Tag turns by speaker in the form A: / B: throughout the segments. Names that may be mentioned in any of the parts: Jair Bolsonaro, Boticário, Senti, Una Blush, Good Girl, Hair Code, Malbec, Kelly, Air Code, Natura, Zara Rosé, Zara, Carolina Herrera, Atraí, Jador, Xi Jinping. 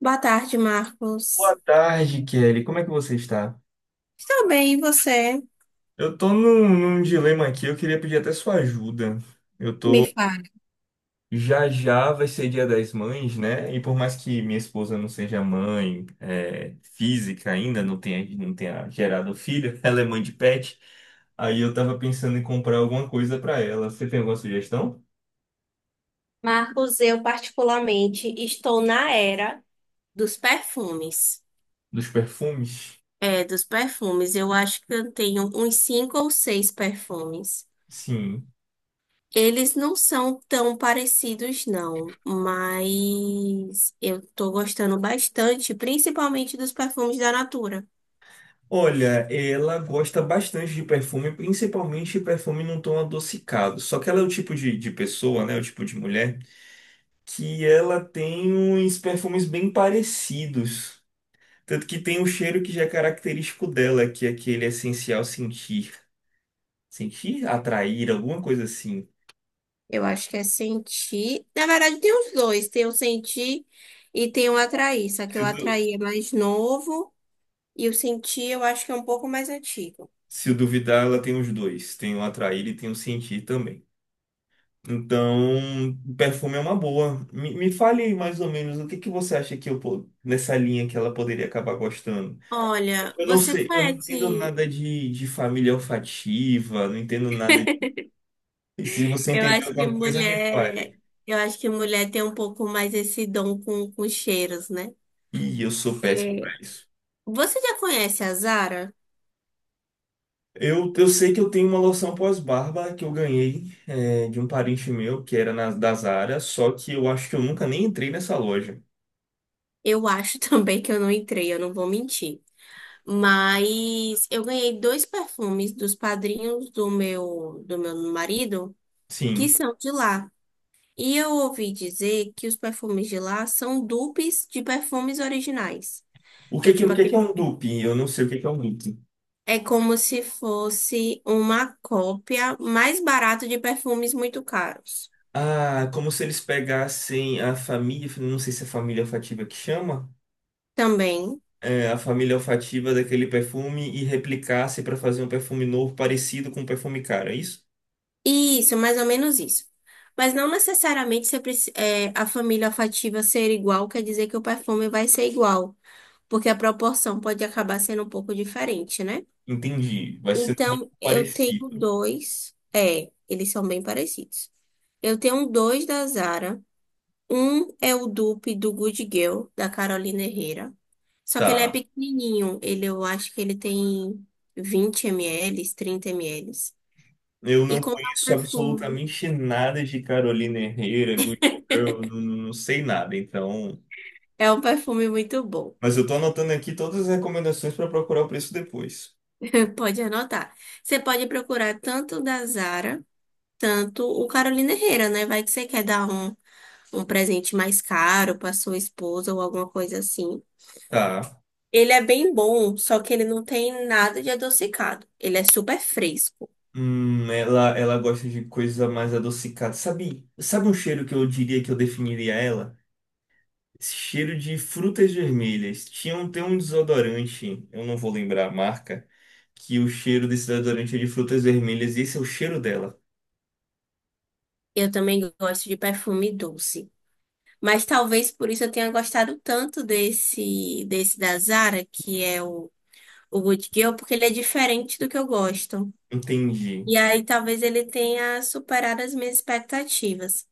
A: Boa tarde,
B: Boa
A: Marcos.
B: tarde, Kelly. Como é que você está?
A: Estou bem, e você?
B: Eu tô num dilema aqui, eu queria pedir até sua ajuda. Eu
A: Me
B: tô.
A: fala.
B: Já já vai ser Dia das Mães, né? E por mais que minha esposa não seja mãe, física ainda, não tenha gerado filho, ela é mãe de pet. Aí eu tava pensando em comprar alguma coisa pra ela. Você tem alguma sugestão?
A: Marcos, eu particularmente estou na era dos perfumes.
B: Dos perfumes?
A: É, dos perfumes. Eu acho que eu tenho uns cinco ou seis perfumes.
B: Sim.
A: Eles não são tão parecidos, não, mas eu estou gostando bastante, principalmente dos perfumes da Natura.
B: Olha, ela gosta bastante de perfume, principalmente perfume num tom adocicado. Só que ela é o tipo de pessoa, né? O tipo de mulher que ela tem uns perfumes bem parecidos. Tanto que tem um cheiro que já é característico dela, que é aquele essencial sentir. Sentir, atrair, alguma coisa assim.
A: Eu acho que é Senti. Na verdade, tem os dois: tem o Senti e tem o Atraí. Só que
B: Se,
A: o
B: du-
A: Atraí é mais novo. E o Senti, eu acho que é um pouco mais antigo.
B: Se duvidar, ela tem os dois. Tem o atrair e tem o sentir também. Então, perfume é uma boa. Me fale aí mais ou menos o que que você acha que nessa linha que ela poderia acabar gostando.
A: Olha,
B: Eu não
A: você
B: sei, eu não entendo
A: conhece?
B: nada de família olfativa, não entendo nada de. Se você
A: Eu
B: entender
A: acho que
B: alguma coisa, me
A: mulher,
B: fale.
A: eu acho que mulher tem um pouco mais esse dom com cheiros, né?
B: Ih, eu sou péssimo
A: É.
B: para isso.
A: Você já conhece a Zara?
B: Eu sei que eu tenho uma loção pós-barba que eu ganhei de um parente meu, da Zara, só que eu acho que eu nunca nem entrei nessa loja.
A: Eu acho também que eu não entrei, eu não vou mentir. Mas eu ganhei dois perfumes dos padrinhos do meu marido que
B: Sim.
A: são de lá. E eu ouvi dizer que os perfumes de lá são dupes de perfumes originais. Então,
B: O
A: tipo,
B: que que é um dupe? Eu não sei o que que é um dupe.
A: é como se fosse uma cópia mais barata de perfumes muito caros.
B: Ah, como se eles pegassem a família, não sei se é família olfativa que chama,
A: Também.
B: a família olfativa daquele perfume e replicasse para fazer um perfume novo parecido com o perfume cara, é isso?
A: Isso, mais ou menos isso. Mas não necessariamente você é, a família afetiva ser igual quer dizer que o perfume vai ser igual, porque a proporção pode acabar sendo um pouco diferente, né?
B: Entendi, vai ser muito
A: Então, eu tenho
B: parecido.
A: dois. É, eles são bem parecidos. Eu tenho um dois da Zara. Um é o dupe do Good Girl, da Carolina Herrera. Só que ele é
B: Tá.
A: pequenininho. Ele, eu acho que ele tem 20 ml, 30 ml.
B: Eu
A: E
B: não
A: comprar um
B: conheço
A: perfume.
B: absolutamente nada de Carolina Herrera, Good Girl, não sei nada, então.
A: É um perfume muito bom.
B: Mas eu tô anotando aqui todas as recomendações para procurar o preço depois.
A: Pode anotar. Você pode procurar tanto o da Zara, tanto o Carolina Herrera, né? Vai que você quer dar um presente mais caro para sua esposa ou alguma coisa assim.
B: Tá.
A: Ele é bem bom, só que ele não tem nada de adocicado. Ele é super fresco.
B: Ela gosta de coisa mais adocicada. Sabe um cheiro que eu diria que eu definiria ela? Esse cheiro de frutas vermelhas. Tem um desodorante, eu não vou lembrar a marca, que o cheiro desse desodorante é de frutas vermelhas e esse é o cheiro dela.
A: Eu também gosto de perfume doce. Mas talvez por isso eu tenha gostado tanto desse da Zara, que é o Good Girl, porque ele é diferente do que eu gosto.
B: Entendi.
A: E aí talvez ele tenha superado as minhas expectativas.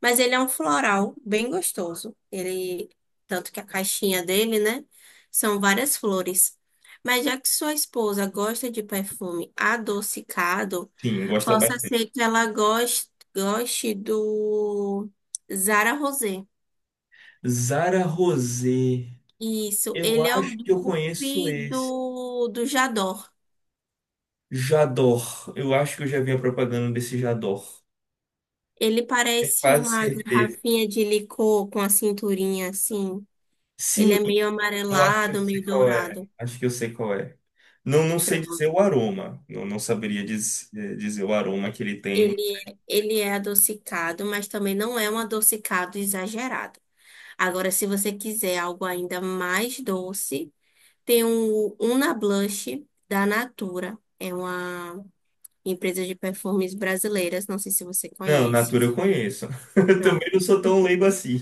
A: Mas ele é um floral bem gostoso. Ele, tanto que a caixinha dele, né? São várias flores. Mas já que sua esposa gosta de perfume adocicado,
B: Sim, gosta
A: possa
B: bastante.
A: ser que ela goste do Zara Rosé.
B: Zara Rosé.
A: Isso,
B: Eu
A: ele é o
B: acho que eu conheço
A: dupe
B: esse.
A: do Jador.
B: Jador. Eu acho que eu já vi a propaganda desse Jador.
A: Ele
B: Tenho
A: parece
B: quase
A: uma
B: certeza.
A: garrafinha de licor com a cinturinha assim. Ele
B: Sim,
A: é meio
B: eu acho que eu
A: amarelado,
B: sei
A: meio
B: qual é.
A: dourado.
B: Acho que eu sei qual é. Não, não sei
A: Pronto.
B: dizer o aroma. Não, dizer o aroma que ele tem.
A: Ele é adocicado, mas também não é um adocicado exagerado. Agora, se você quiser algo ainda mais doce, tem um Una Blush da Natura. É uma empresas de perfumes brasileiras, não sei se você
B: Não,
A: conhece.
B: Natura eu conheço. Eu
A: Pronto.
B: também não sou tão leigo assim.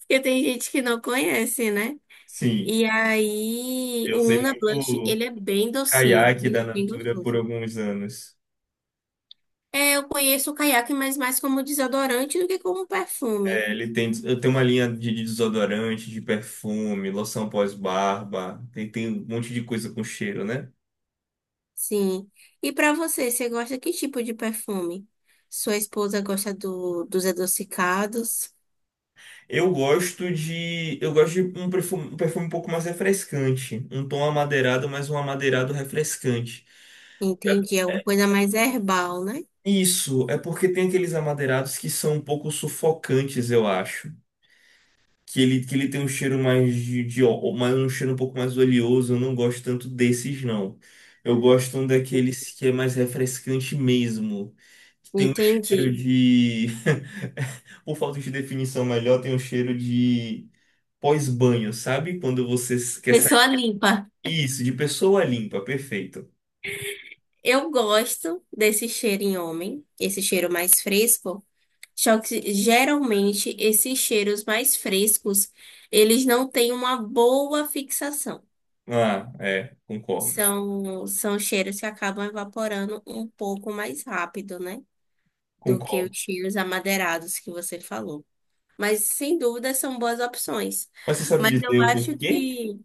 A: Porque tem gente que não conhece, né?
B: Sim,
A: E aí,
B: eu
A: o
B: usei
A: Una Blush,
B: muito
A: ele é bem docinho,
B: caiaque
A: ele
B: da
A: é bem
B: Natura por
A: gostoso.
B: alguns anos.
A: É, eu conheço o Caiaque, mas mais como desodorante do que como perfume.
B: É, ele tem, eu tenho uma linha de desodorante, de perfume, loção pós-barba. Tem um monte de coisa com cheiro, né?
A: Sim. E pra você, você gosta que tipo de perfume? Sua esposa gosta dos adocicados?
B: Eu gosto de um perfume, um perfume um pouco mais refrescante. Um tom amadeirado, mas um amadeirado refrescante. É.
A: Entendi, é uma coisa mais herbal, né?
B: Isso, é porque tem aqueles amadeirados que são um pouco sufocantes, eu acho. Que ele tem um cheiro mais de um cheiro um pouco mais oleoso, eu não gosto tanto desses, não. Eu gosto um daqueles que é mais refrescante mesmo, que tem um cheiro
A: Entendi.
B: de por falta de definição melhor, tem um cheiro de pós-banho, sabe? Quando você quer sair.
A: Pessoa limpa.
B: Isso, de pessoa limpa, perfeito.
A: Eu gosto desse cheiro em homem, esse cheiro mais fresco, só que geralmente esses cheiros mais frescos, eles não têm uma boa fixação.
B: Ah, é, concordo.
A: São, são cheiros que acabam evaporando um pouco mais rápido, né? Do que
B: Concordo.
A: os cheiros amadeirados que você falou. Mas sem dúvida são boas opções.
B: Mas você sabe
A: Mas eu
B: dizer o
A: acho
B: porquê?
A: que.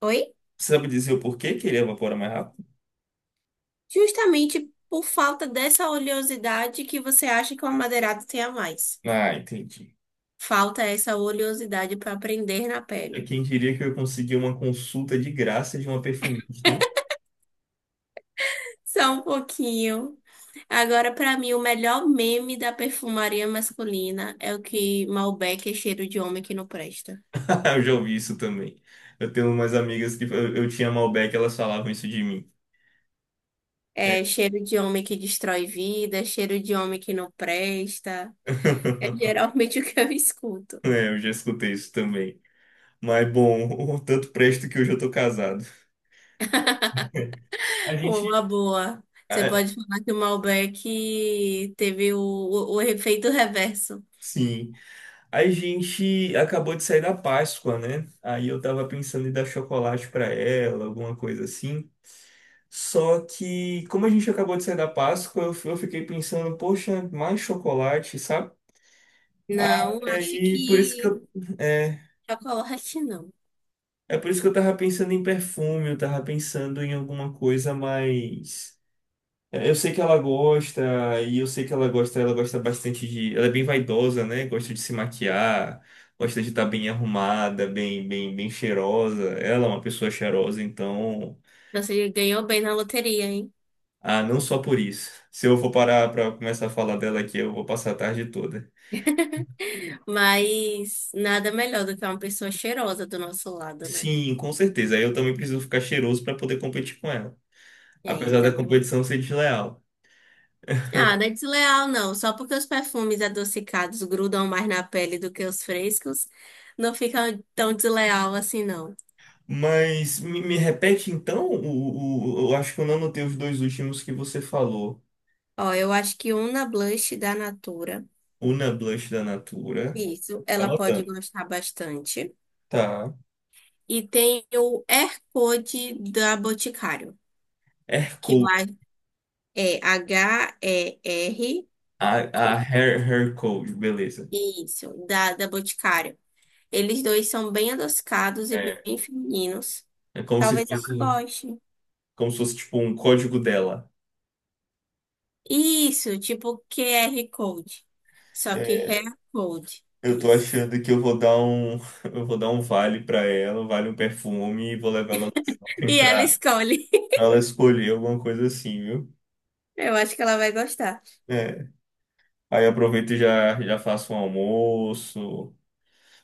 A: Oi?
B: Você sabe dizer o porquê que ele evapora mais rápido?
A: Justamente por falta dessa oleosidade que você acha que o amadeirado tem a mais.
B: Ah, entendi.
A: Falta essa oleosidade para prender na
B: É
A: pele.
B: quem diria que eu consegui uma consulta de graça de uma perfumista, hein?
A: Só um pouquinho. Agora, para mim, o melhor meme da perfumaria masculina é o que Malbec é cheiro de homem que não presta.
B: Eu já ouvi isso também. Eu tenho umas amigas que eu tinha Malbec, elas falavam isso de mim.
A: É cheiro de homem que destrói vida, é cheiro de homem que não presta. É geralmente o que eu escuto.
B: É, eu já escutei isso também. Mas bom, tanto presto que hoje eu tô casado. A
A: Uma
B: gente.
A: boa. Você
B: Ah,
A: pode falar que o Malbec teve o efeito reverso.
B: sim. A gente acabou de sair da Páscoa, né? Aí eu tava pensando em dar chocolate pra ela, alguma coisa assim. Só que, como a gente acabou de sair da Páscoa, eu fiquei pensando, poxa, mais chocolate, sabe?
A: Não, acho
B: Aí, por isso que
A: que
B: eu, é,
A: chocolate não.
B: é por isso que eu tava pensando em perfume, eu tava pensando em alguma coisa mais. É, eu sei que ela gosta, e eu sei que ela gosta bastante de. Ela é bem vaidosa, né? Gosta de se maquiar, gosta de estar bem arrumada, bem cheirosa. Ela é uma pessoa cheirosa, então.
A: Você ganhou bem na loteria, hein?
B: Ah, não só por isso. Se eu for parar pra começar a falar dela aqui, eu vou passar a tarde toda.
A: Mas nada melhor do que uma pessoa cheirosa do nosso lado, né?
B: Sim, com certeza. Eu também preciso ficar cheiroso para poder competir com ela,
A: É,
B: apesar da
A: então.
B: competição ser desleal.
A: Ah, não é desleal, não. Só porque os perfumes adocicados grudam mais na pele do que os frescos, não fica tão desleal assim, não.
B: Mas me repete então, eu acho que eu não anotei os dois últimos que você falou.
A: Ó, eu acho que uma blush da Natura.
B: Una Blush da Natura.
A: Isso, ela pode
B: Anotando.
A: gostar bastante.
B: Tá.
A: E tem o Air Code da Boticário,
B: Hair
A: que lá
B: Code.
A: é HER.
B: A Hair Code, beleza.
A: Isso, da Boticário. Eles dois são bem adocicados e bem
B: É.
A: femininos.
B: É
A: Talvez ela goste.
B: como se fosse tipo um código dela.
A: Isso, tipo QR Code. Só que
B: É,
A: hair code.
B: eu tô
A: Isso.
B: achando que eu vou dar um, eu vou dar um vale pra ela, um vale um perfume e vou levar ela no shopping
A: E ela
B: pra
A: escolhe.
B: ela escolher alguma coisa assim, viu?
A: Eu acho que ela vai gostar.
B: É. Aí aproveito e já faço um almoço.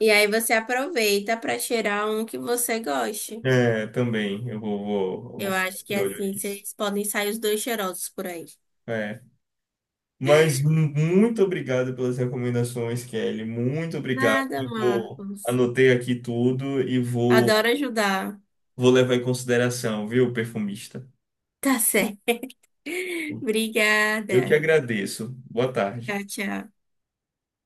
A: E aí você aproveita para cheirar um que você goste.
B: É, também. Eu vou
A: Eu
B: ficar
A: acho que
B: de olho
A: assim
B: nisso.
A: vocês podem sair os dois cheirosos por aí.
B: É. Mas muito obrigado pelas recomendações, Kelly. Muito obrigado.
A: Nada, Marcos.
B: Anotei aqui tudo e
A: Adoro ajudar.
B: vou levar em consideração, viu, perfumista?
A: Tá certo.
B: Eu que
A: Obrigada.
B: agradeço. Boa tarde.
A: Tchau, tchau.